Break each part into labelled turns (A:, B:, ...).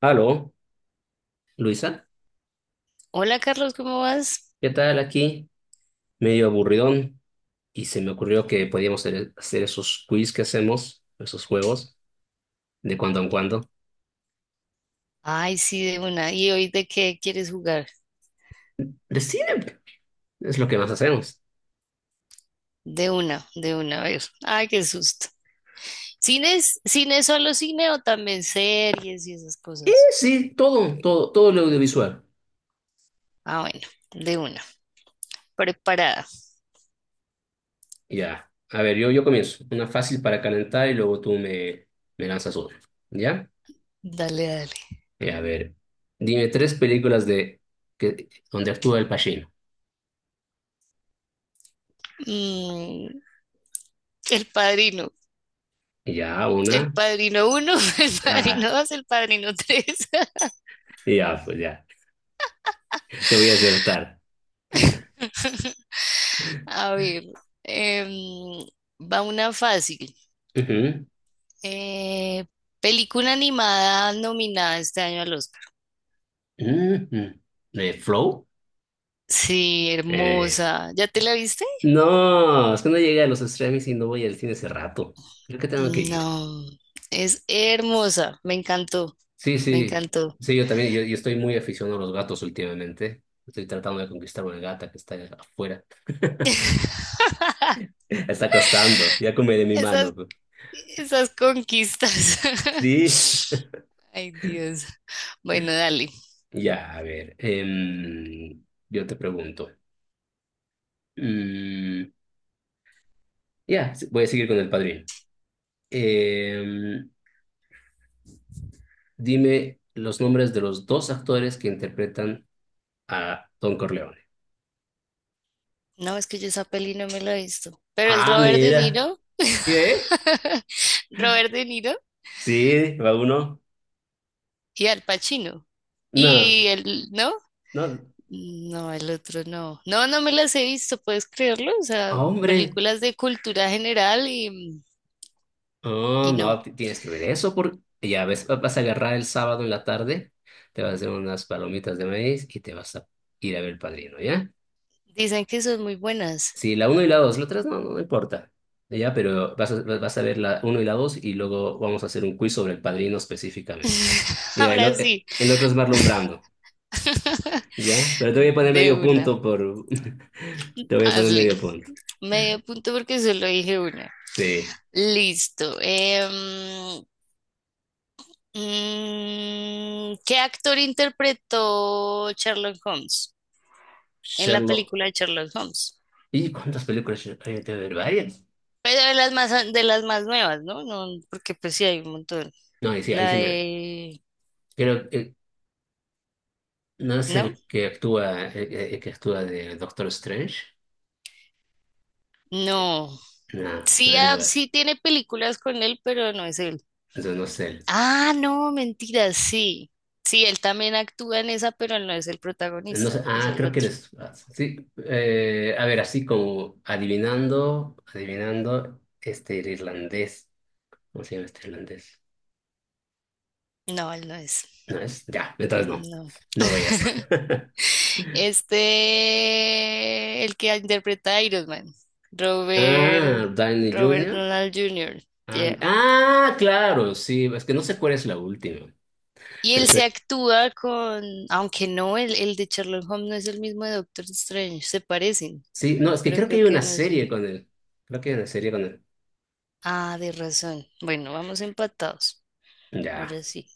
A: Aló, Luisa,
B: Hola Carlos, ¿cómo vas?
A: ¿qué tal aquí? Medio aburridón y se me ocurrió que podíamos hacer esos quiz que hacemos, esos juegos, de cuando en cuando.
B: Ay, sí, de una. ¿Y hoy de qué quieres jugar?
A: De cine, es lo que más hacemos.
B: De una, a ver. Ay, qué susto. ¿Cines? ¿Cine es solo cine o también series y esas cosas?
A: Sí, todo lo audiovisual.
B: Ah, bueno, de una. Preparada.
A: Ya, a ver, yo comienzo. Una fácil para calentar y luego me lanzas una. ¿Ya?
B: Dale, dale.
A: Ya, a ver, dime tres películas donde actúa el Pacino.
B: Mm, El Padrino.
A: Ya,
B: El
A: una.
B: Padrino uno, El
A: Ah,
B: Padrino dos, El Padrino tres.
A: ya, pues ya, te voy a aceptar.
B: A ver, em, va una fácil.
A: Ujú.
B: Eh, Película animada nominada este año al Oscar.
A: Ujú. De Flow.
B: Sí,
A: Eh,
B: hermosa. ¿Ya te la viste?
A: no, es que no llegué a los streamings y no voy al cine hace rato. Creo que tengo que ir.
B: No, es hermosa. Me encantó,
A: Sí,
B: me
A: sí.
B: encantó.
A: Sí, yo también, yo estoy muy aficionado a los gatos últimamente. Estoy tratando de conquistar una gata que está afuera. Está costando. Ya come de mi
B: Esas,
A: mano, pues.
B: esas conquistas.
A: Sí.
B: Ay, Dios. Bueno, dale.
A: Ya, a ver. Yo te pregunto. Mm, ya, sí, voy a seguir con El Padrino. Em, dime los nombres de los dos actores que interpretan a Don Corleone.
B: No, es que yo esa peli no me la he visto. Pero es
A: Ah,
B: Robert De
A: mira.
B: Niro.
A: ¿Qué?
B: Robert De Niro
A: Sí, va uno.
B: y Al Pacino.
A: No,
B: Y el, ¿no?
A: no.
B: No, el otro no. No, no me las he visto, ¿puedes creerlo? O sea,
A: Hombre.
B: películas de cultura general y,
A: Oh,
B: y no.
A: no, tienes que ver eso porque ya ves, vas a agarrar el sábado en la tarde, te vas a hacer unas palomitas de maíz y te vas a ir a ver El Padrino, ¿ya?
B: Dicen que son muy buenas.
A: Sí, la uno y la dos, la tres no, no, no importa. Ya, pero vas a ver la uno y la dos y luego vamos a hacer un quiz sobre El Padrino específicamente. Ya,
B: Ahora sí,
A: el otro es Marlon Brando. Ya, pero te voy a poner
B: de
A: medio
B: una.
A: punto por... Te voy a poner
B: Hazle.
A: medio punto.
B: Medio punto porque solo dije una.
A: Sí,
B: Listo. ¿Qué actor interpretó Sherlock Holmes en la
A: Sherlock.
B: película de Sherlock Holmes?
A: ¿Y cuántas películas hay de ver? ¿Varias?
B: Pero de las más nuevas, ¿no? No, porque pues sí hay un montón.
A: No, ahí
B: La
A: sí me...
B: de...
A: Creo que no es
B: ¿No?
A: el que actúa, el que actúa de Doctor Strange. Eh,
B: No.
A: No,
B: Sí,
A: pero
B: ah,
A: igual.
B: sí tiene películas con él, pero no es él.
A: Entonces no sé. Él.
B: Ah, no, mentira, sí. Sí, él también actúa en esa, pero él no es el
A: No sé.
B: protagonista, es
A: Ah,
B: el
A: creo que él
B: otro.
A: es... Sí. Eh, a ver, así como adivinando, este, el irlandés. ¿Cómo se llama este irlandés?
B: No, él no es.
A: No es... Ya, entonces no.
B: No.
A: No vayas.
B: Este, el que interpreta a Iron Man, Robert,
A: Ah, Downey
B: Robert
A: Junior.
B: Donald Jr.
A: Ah,
B: Yeah.
A: claro, sí, es que no sé cuál es la última.
B: Y él se
A: Pensé,
B: actúa con, aunque no, el de Sherlock Holmes no es el mismo de Doctor Strange, se parecen,
A: sí, no, es que
B: pero
A: creo que
B: creo
A: hay
B: que
A: una
B: no son.
A: serie con él. Creo que hay una serie con él.
B: Ah, de razón. Bueno, vamos empatados.
A: Ya,
B: Ahora sí,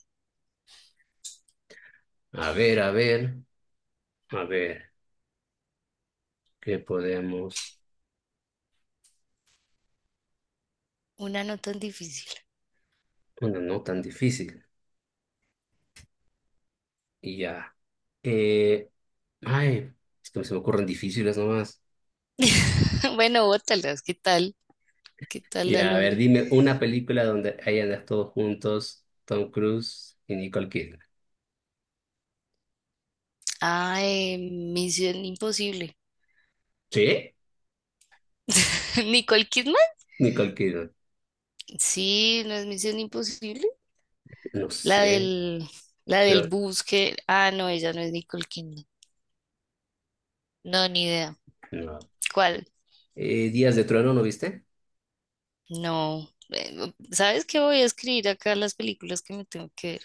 A: a ver, a ver, a ver, ¿qué podemos?
B: una no tan difícil.
A: Bueno, no tan difícil. Y ya. Eh, ay, es que se me ocurren difíciles nomás.
B: Bueno, bótalas, ¿qué tal? ¿Qué tal la
A: Ya, a ver,
B: logré?
A: dime una película donde hayan actuado juntos Tom Cruise y Nicole Kidman.
B: Ah, Misión Imposible.
A: ¿Sí?
B: ¿Nicole Kidman?
A: Nicole Kidman.
B: Sí, no es Misión Imposible.
A: No
B: La
A: sé,
B: del, la del
A: pero
B: bus que... Ah, no, ella no es Nicole Kidman. No, ni idea.
A: no.
B: ¿Cuál?
A: Días de Trueno, ¿no viste?
B: No. ¿Sabes qué? Voy a escribir acá las películas que me tengo que ver.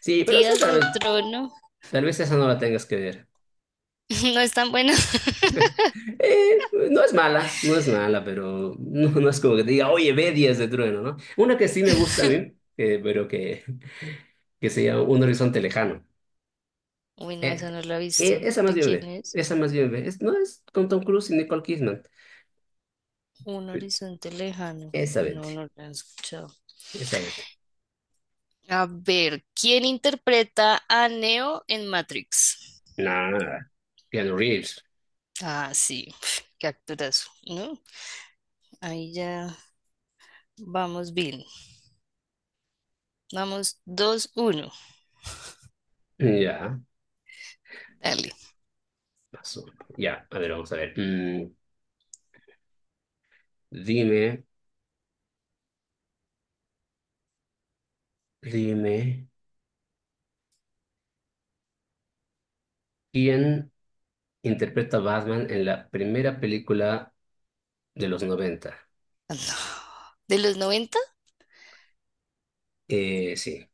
A: Sí, pero
B: Días de Trono.
A: tal vez esa no la tengas que ver.
B: No es tan buena.
A: No es mala, no es mala, pero no, no es como que te diga, oye, ve Días de Trueno, ¿no? Una que sí me gusta a mí, eh, pero que, que se llama Un Horizonte Lejano.
B: Uy, no,
A: Eh,
B: esa no la he visto.
A: esa más
B: ¿De
A: bien
B: quién
A: ve,
B: es?
A: esa más bien ve. Es- no es con Tom Cruise y Nicole Kidman.
B: Un horizonte lejano.
A: Esa vete,
B: No, no la he escuchado.
A: esa vete.
B: A ver, ¿quién interpreta a Neo en Matrix?
A: Nada, Keanu Reeves.
B: Ah, sí, pf, qué actorazo, ¿no? Ahí ya vamos bien. Vamos 2-1.
A: Ya,
B: Dale.
A: pasó. Ya, a ver, vamos a ver. Dime, dime, ¿quién interpreta a Batman en la primera película de los noventa?
B: Ah, no. ¿De los noventa?
A: Sí.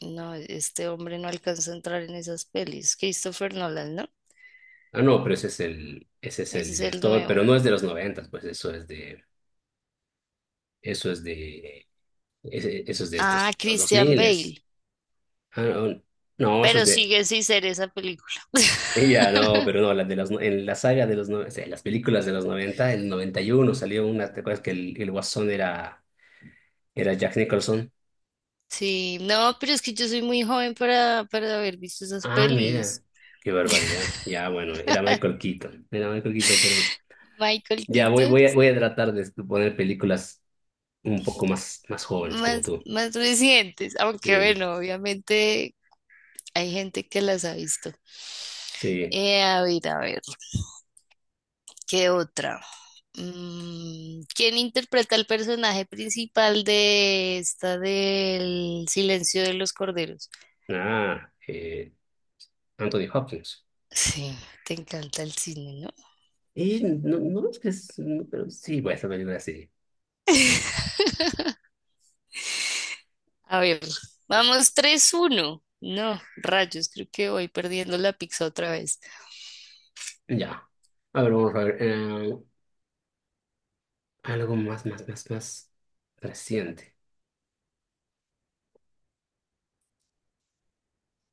B: No, este hombre no alcanza a entrar en esas pelis. Christopher Nolan, ¿no?
A: Ah, no, pero ese ese es el
B: Ese es el
A: director, pero
B: nuevo.
A: no es de los 90, pues eso es de, eso es de
B: Ah,
A: estos, los
B: Christian
A: 2000.
B: Bale.
A: Ah, no, no,
B: Pero sigue sin ser esa película.
A: ya no, pero no, en la saga de los 90, en las películas de los 90, el 91 salió una, ¿te acuerdas que el Guasón era, era Jack Nicholson?
B: Sí, no, pero es que yo soy muy joven para, haber visto esas
A: Ah, mira,
B: pelis.
A: qué barbaridad. Ya, bueno, Era Michael Keaton, pero
B: Michael
A: ya
B: Keaton
A: voy a tratar de poner películas un poco más jóvenes como
B: más,
A: tú.
B: más recientes, aunque
A: Sí,
B: bueno, obviamente hay gente que las ha visto.
A: sí.
B: A ver, a ver, ¿qué otra? Mm, ¿quién interpreta el personaje principal de esta del Silencio de los Corderos?
A: Ah, Anthony Hopkins.
B: Sí, te encanta el cine, ¿no?
A: Y no, no es que es, no, pero sí, voy a hacer película sí.
B: A ver, vamos 3-1. No, rayos, creo que voy perdiendo la pizza otra vez.
A: Ya. A ver, vamos a ver. Algo más reciente.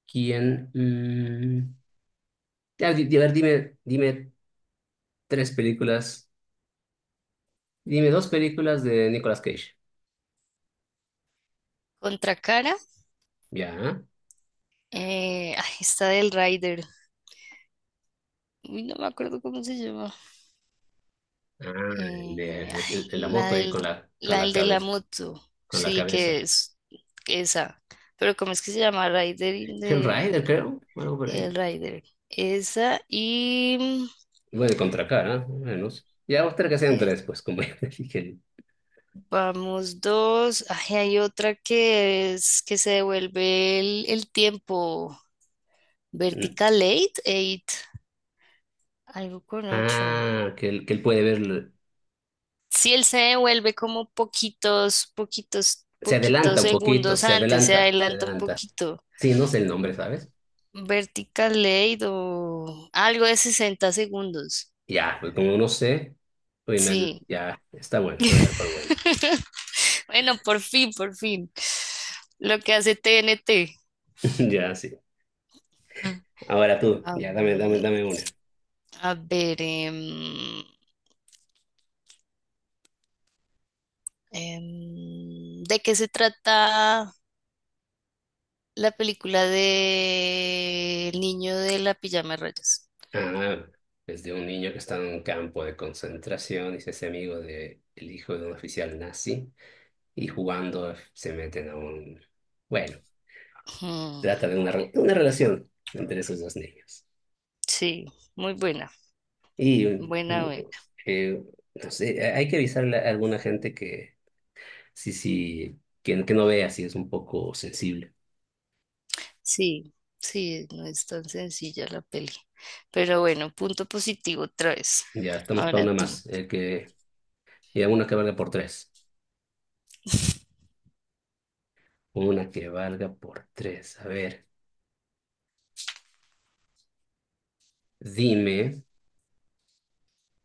A: ¿Quién? Ya, a ver, dime tres películas. Dime dos películas de Nicolas Cage.
B: Contra cara,
A: Ya.
B: ay, está del Rider. Uy, no me acuerdo cómo se llama.
A: Ah,
B: Ay,
A: de la
B: la
A: moto ahí
B: del,
A: con
B: la
A: la
B: del de la
A: cabeza,
B: moto,
A: con la
B: sí que
A: cabeza.
B: es esa. Pero ¿cómo es que se llama? Rider in the
A: Hellrider, creo, o algo por ahí.
B: Hellrider. Esa y
A: Igual de Contracara, más o menos. Ya, otra que sean
B: eh,
A: tres, pues, como ya dije.
B: vamos dos. Ay, hay otra que es que se devuelve el tiempo.
A: Mm.
B: Vertical eight eight algo con ocho.
A: Ah, que él puede ver.
B: Si él se devuelve como poquitos, poquitos,
A: Se adelanta
B: poquitos
A: un poquito,
B: segundos
A: se
B: antes, se
A: adelanta, se
B: adelanta un
A: adelanta.
B: poquito.
A: Sí, no sé el nombre, ¿sabes?
B: Vertical Late o algo de 60 segundos.
A: Ya, pues como no sé, pues
B: Sí.
A: ya, está bueno, te voy a dar por buena.
B: Bueno, por fin, por fin. Lo que hace TNT.
A: Ya, sí.
B: Mm.
A: Ahora tú,
B: A,
A: ya, dame una.
B: a ver, ¿de qué se trata la película de El niño de la pijama de rayas?
A: Ah, es de un niño que está en un campo de concentración y se hace amigo de el hijo de un oficial nazi, y jugando se meten a un, bueno,
B: Mm,
A: trata de una, una relación entre esos dos niños.
B: sí, muy buena,
A: Y
B: buena.
A: eh, no sé, hay que avisarle a alguna gente que sí, sí, que no vea si es un poco sensible.
B: Sí, sí, no es tan sencilla la peli. Pero bueno, punto positivo otra vez.
A: Ya estamos para
B: Ahora
A: una
B: tú.
A: más, y una que valga por tres. Una que valga por tres. A ver, dime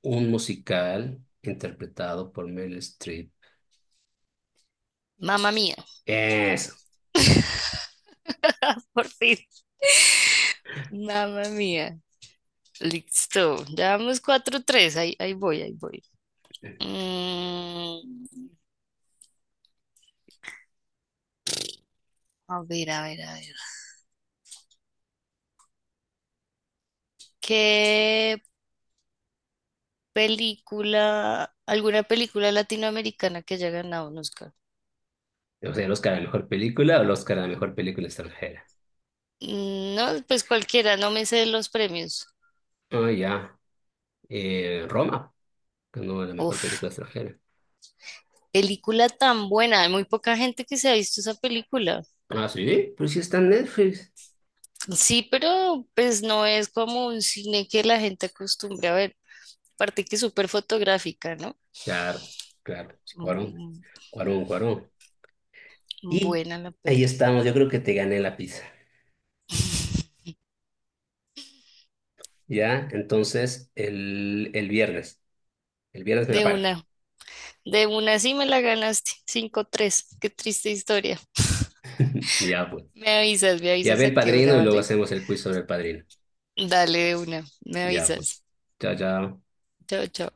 A: un musical interpretado por Meryl Streep.
B: Mamma mía,
A: Eso. Ya.
B: por fin. Mamma mía. Listo. Ya vamos 4-3. Ahí voy, ahí voy. Mm, a ver, a ver, a ver. ¿Qué película, alguna película latinoamericana que haya ganado un Oscar?
A: O sea, el Oscar a la mejor película o el Oscar a la mejor película extranjera.
B: Mm, no, pues cualquiera, no me sé los premios.
A: Ah, ya. Roma, ganó la mejor película
B: Uf,
A: extranjera.
B: película tan buena, hay muy poca gente que se ha visto esa película.
A: Ah, sí, pero si está en Netflix.
B: Sí, pero pues no es como un cine que la gente acostumbra a ver, aparte que es súper fotográfica, ¿no?
A: Claro, claro, sí,
B: Mm,
A: Cuarón.
B: mm,
A: Y
B: buena la
A: ahí
B: peli.
A: estamos, yo creo que te gané la pizza. Ya, entonces el viernes me la
B: De
A: pagas.
B: una, de una sí me la ganaste, 5-3. Qué triste historia.
A: Ya, pues.
B: Me
A: Ya ve
B: avisas a
A: el
B: qué
A: padrino
B: hora,
A: y luego
B: ¿vale?
A: hacemos el quiz sobre el padrino.
B: Dale de una, me
A: Ya, pues.
B: avisas.
A: Chao, chao.
B: Chao, chao.